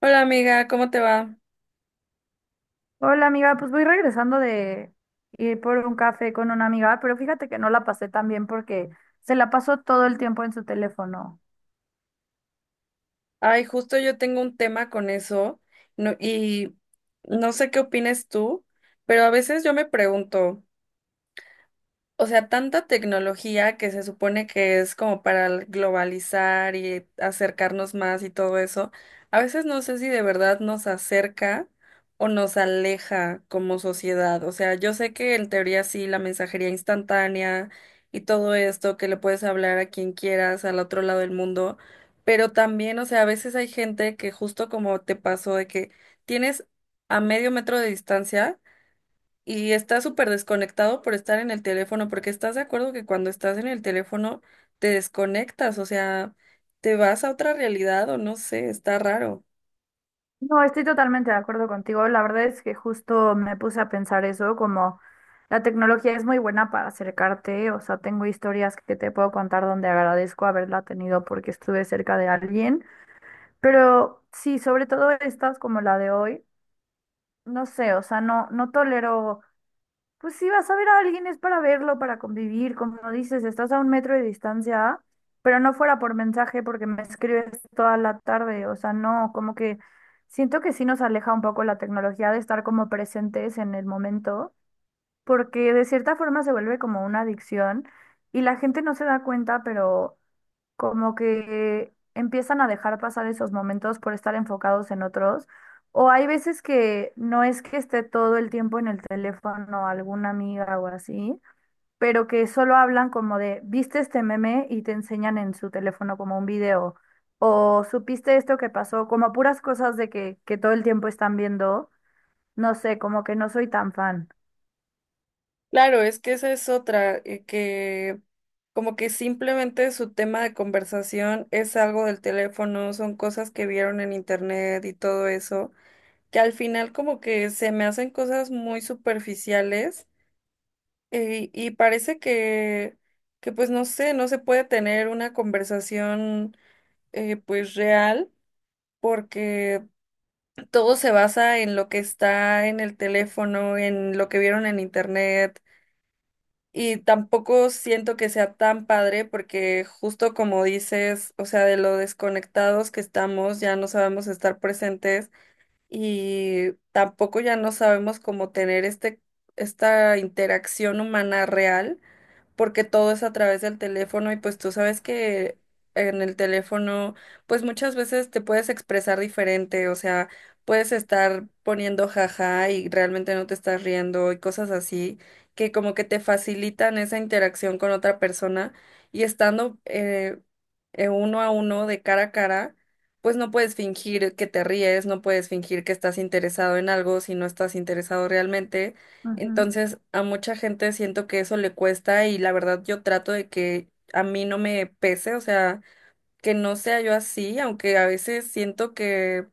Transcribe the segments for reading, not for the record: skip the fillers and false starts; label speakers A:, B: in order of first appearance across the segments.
A: Hola amiga, ¿cómo te va?
B: Hola amiga, pues voy regresando de ir por un café con una amiga, pero fíjate que no la pasé tan bien porque se la pasó todo el tiempo en su teléfono.
A: Ay, justo yo tengo un tema con eso y no sé qué opines tú, pero a veces yo me pregunto, o sea, tanta tecnología que se supone que es como para globalizar y acercarnos más y todo eso, a veces no sé si de verdad nos acerca o nos aleja como sociedad. O sea, yo sé que en teoría sí, la mensajería instantánea y todo esto, que le puedes hablar a quien quieras al otro lado del mundo, pero también, o sea, a veces hay gente que justo como te pasó de que tienes a medio metro de distancia y estás súper desconectado por estar en el teléfono, porque estás de acuerdo que cuando estás en el teléfono te desconectas, o sea, te vas a otra realidad o no sé, está raro.
B: No, estoy totalmente de acuerdo contigo. La verdad es que justo me puse a pensar eso, como la tecnología es muy buena para acercarte, o sea, tengo historias que te puedo contar donde agradezco haberla tenido porque estuve cerca de alguien, pero sí, sobre todo estas como la de hoy, no sé, o sea, no, no tolero. Pues si vas a ver a alguien es para verlo, para convivir, como dices, estás a un metro de distancia, ah, pero no fuera por mensaje porque me escribes toda la tarde, o sea, no, como que siento que sí nos aleja un poco la tecnología de estar como presentes en el momento, porque de cierta forma se vuelve como una adicción y la gente no se da cuenta, pero como que empiezan a dejar pasar esos momentos por estar enfocados en otros. O hay veces que no es que esté todo el tiempo en el teléfono alguna amiga o así, pero que solo hablan como de, viste este meme y te enseñan en su teléfono como un video, o supiste esto que pasó, como puras cosas de que todo el tiempo están viendo, no sé, como que no soy tan fan.
A: Claro, es que esa es otra, que como que simplemente su tema de conversación es algo del teléfono, son cosas que vieron en internet y todo eso, que al final como que se me hacen cosas muy superficiales. Y parece que, pues no sé, no se puede tener una conversación pues real, porque todo se basa en lo que está en el teléfono, en lo que vieron en internet y tampoco siento que sea tan padre porque justo como dices, o sea, de lo desconectados que estamos, ya no sabemos estar presentes y tampoco ya no sabemos cómo tener este, esta interacción humana real porque todo es a través del teléfono y pues tú sabes que en el teléfono pues muchas veces te puedes expresar diferente, o sea, puedes estar poniendo jaja y realmente no te estás riendo y cosas así que como que te facilitan esa interacción con otra persona y estando uno a uno de cara a cara. Pues no puedes fingir que te ríes, no puedes fingir que estás interesado en algo si no estás interesado realmente.
B: Ujú.
A: Entonces, a mucha gente siento que eso le cuesta y la verdad yo trato de que a mí no me pese, o sea, que no sea yo así, aunque a veces siento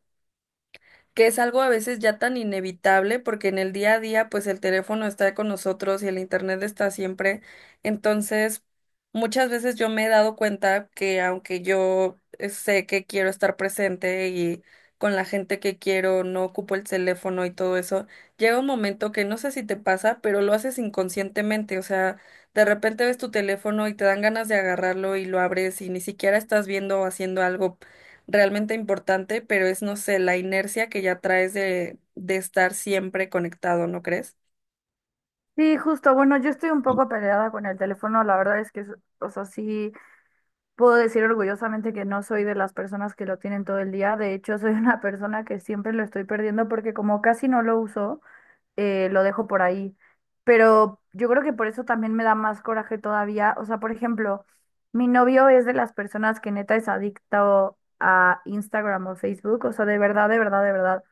A: que es algo a veces ya tan inevitable porque en el día a día pues el teléfono está con nosotros y el internet está siempre. Entonces, muchas veces yo me he dado cuenta que aunque yo sé que quiero estar presente y con la gente que quiero, no ocupo el teléfono y todo eso, llega un momento que no sé si te pasa, pero lo haces inconscientemente, o sea, de repente ves tu teléfono y te dan ganas de agarrarlo y lo abres y ni siquiera estás viendo o haciendo algo realmente importante, pero es, no sé, la inercia que ya traes de estar siempre conectado, ¿no crees?
B: Sí, justo, bueno, yo estoy un poco peleada con el teléfono, la verdad es que, o sea, sí. Puedo decir orgullosamente que no soy de las personas que lo tienen todo el día. De hecho, soy una persona que siempre lo estoy perdiendo porque como casi no lo uso, lo dejo por ahí. Pero yo creo que por eso también me da más coraje todavía. O sea, por ejemplo, mi novio es de las personas que neta es adicto a Instagram o Facebook. O sea, de verdad, de verdad, de verdad,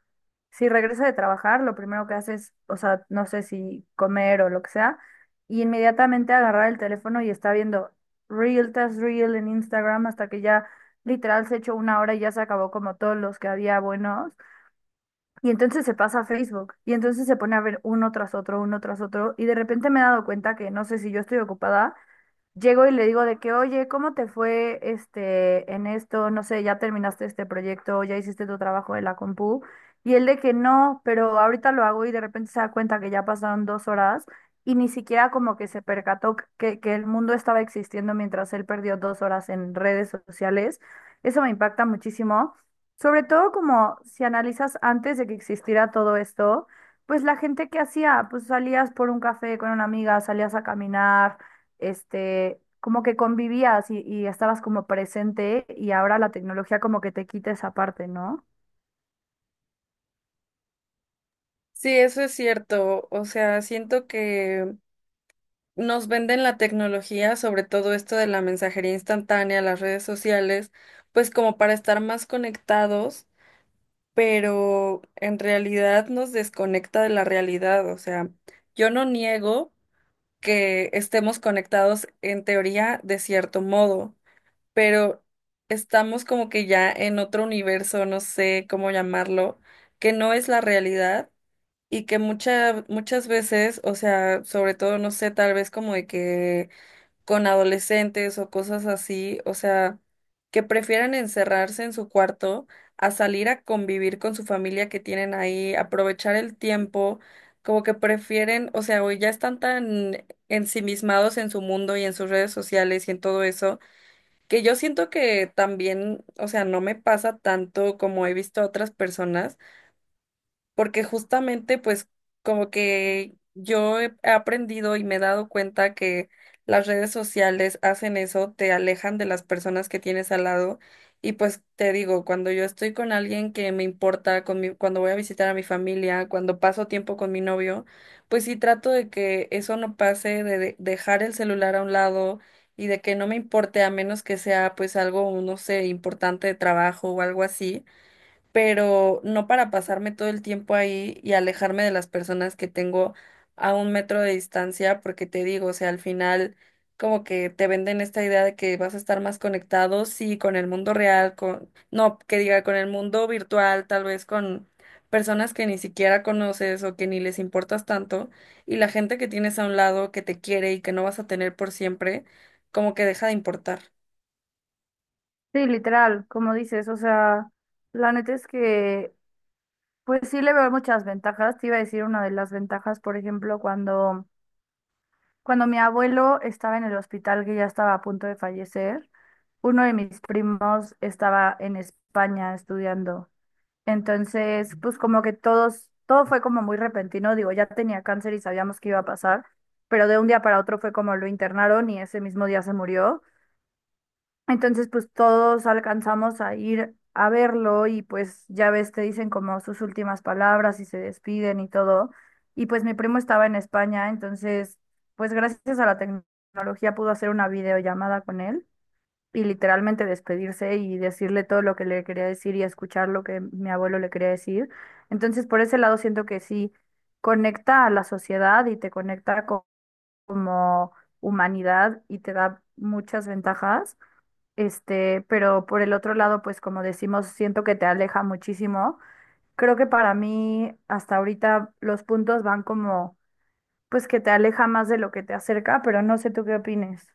B: si regresa de trabajar, lo primero que hace es, o sea, no sé si comer o lo que sea, y inmediatamente agarrar el teléfono y está viendo Reel tras Reel en Instagram hasta que ya literal se echó una hora y ya se acabó como todos los que había buenos. Y entonces se pasa a Facebook y entonces se pone a ver uno tras otro, y de repente me he dado cuenta que no sé si yo estoy ocupada. Llego y le digo de que, oye, ¿cómo te fue este en esto? No sé, ya terminaste este proyecto, ya hiciste tu trabajo de la compu. Y él de que no, pero ahorita lo hago, y de repente se da cuenta que ya pasaron dos horas y ni siquiera como que se percató que el mundo estaba existiendo mientras él perdió dos horas en redes sociales. Eso me impacta muchísimo. Sobre todo como si analizas antes de que existiera todo esto, pues la gente que hacía, pues salías por un café con una amiga, salías a caminar este, como que convivías y estabas como presente, y ahora la tecnología como que te quita esa parte, ¿no?
A: Sí, eso es cierto. O sea, siento que nos venden la tecnología, sobre todo esto de la mensajería instantánea, las redes sociales, pues como para estar más conectados, pero en realidad nos desconecta de la realidad. O sea, yo no niego que estemos conectados en teoría de cierto modo, pero estamos como que ya en otro universo, no sé cómo llamarlo, que no es la realidad y que muchas muchas veces, o sea, sobre todo, no sé, tal vez como de que con adolescentes o cosas así, o sea, que prefieran encerrarse en su cuarto a salir a convivir con su familia que tienen ahí, aprovechar el tiempo. Como que prefieren, o sea, hoy ya están tan ensimismados en su mundo y en sus redes sociales y en todo eso, que yo siento que también, o sea, no me pasa tanto como he visto a otras personas, porque justamente pues como que yo he aprendido y me he dado cuenta que las redes sociales hacen eso, te alejan de las personas que tienes al lado y pues te digo, cuando yo estoy con alguien que me importa, con cuando voy a visitar a mi familia, cuando paso tiempo con mi novio, pues sí trato de que eso no pase, de dejar el celular a un lado y de que no me importe a menos que sea pues algo, no sé, importante de trabajo o algo así, pero no para pasarme todo el tiempo ahí y alejarme de las personas que tengo a un metro de distancia, porque te digo, o sea, al final como que te venden esta idea de que vas a estar más conectado, sí, con el mundo real, con, no, que diga, con el mundo virtual, tal vez con personas que ni siquiera conoces o que ni les importas tanto, y la gente que tienes a un lado que te quiere y que no vas a tener por siempre, como que deja de importar.
B: Sí, literal, como dices, o sea, la neta es que, pues sí le veo muchas ventajas. Te iba a decir una de las ventajas, por ejemplo, cuando, cuando mi abuelo estaba en el hospital que ya estaba a punto de fallecer, uno de mis primos estaba en España estudiando. Entonces, pues como que todos, todo fue como muy repentino, digo, ya tenía cáncer y sabíamos que iba a pasar, pero de un día para otro fue como lo internaron y ese mismo día se murió. Entonces, pues todos alcanzamos a ir a verlo y pues ya ves, te dicen como sus últimas palabras y se despiden y todo. Y pues mi primo estaba en España, entonces, pues gracias a la tecnología pudo hacer una videollamada con él y literalmente despedirse y decirle todo lo que le quería decir y escuchar lo que mi abuelo le quería decir. Entonces, por ese lado siento que sí conecta a la sociedad y te conecta como humanidad y te da muchas ventajas. Este, pero por el otro lado, pues como decimos, siento que te aleja muchísimo. Creo que para mí hasta ahorita los puntos van como pues que te aleja más de lo que te acerca, pero no sé tú qué opines.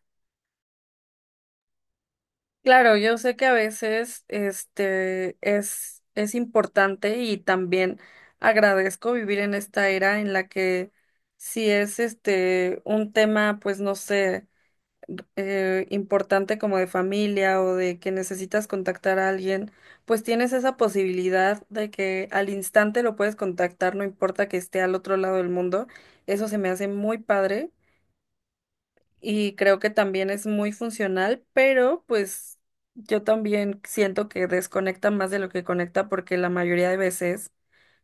A: Claro, yo sé que a veces este es importante y también agradezco vivir en esta era en la que si es este un tema, pues no sé, importante como de familia o de que necesitas contactar a alguien, pues tienes esa posibilidad de que al instante lo puedes contactar, no importa que esté al otro lado del mundo. Eso se me hace muy padre y creo que también es muy funcional, pero pues yo también siento que desconecta más de lo que conecta porque la mayoría de veces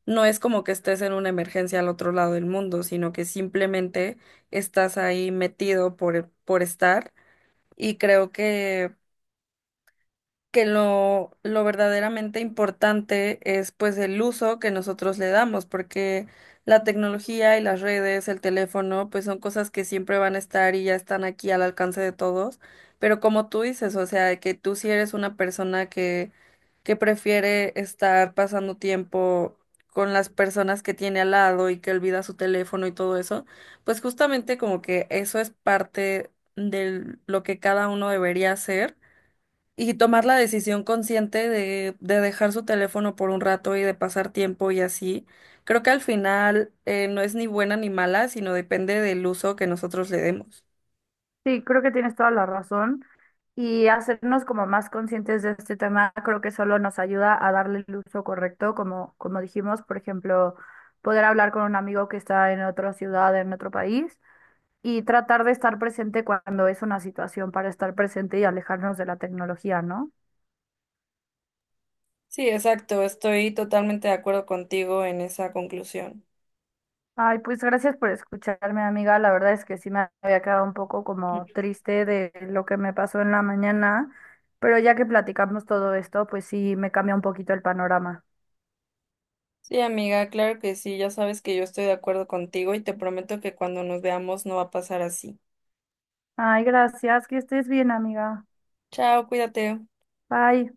A: no es como que estés en una emergencia al otro lado del mundo, sino que simplemente estás ahí metido por estar y creo que lo verdaderamente importante es pues el uso que nosotros le damos, porque la tecnología y las redes, el teléfono, pues son cosas que siempre van a estar y ya están aquí al alcance de todos. Pero como tú dices, o sea, que tú si eres una persona que prefiere estar pasando tiempo con las personas que tiene al lado y que olvida su teléfono y todo eso, pues justamente como que eso es parte de lo que cada uno debería hacer y tomar la decisión consciente de dejar su teléfono por un rato y de pasar tiempo y así. Creo que al final no es ni buena ni mala, sino depende del uso que nosotros le demos.
B: Sí, creo que tienes toda la razón. Y hacernos como más conscientes de este tema, creo que solo nos ayuda a darle el uso correcto, como, como dijimos, por ejemplo, poder hablar con un amigo que está en otra ciudad, en otro país, y tratar de estar presente cuando es una situación para estar presente y alejarnos de la tecnología, ¿no?
A: Sí, exacto. Estoy totalmente de acuerdo contigo en esa conclusión.
B: Ay, pues gracias por escucharme, amiga. La verdad es que sí me había quedado un poco como triste de lo que me pasó en la mañana, pero ya que platicamos todo esto, pues sí me cambia un poquito el panorama.
A: Sí, amiga, claro que sí. Ya sabes que yo estoy de acuerdo contigo y te prometo que cuando nos veamos no va a pasar así.
B: Ay, gracias, que estés bien, amiga.
A: Chao, cuídate.
B: Bye.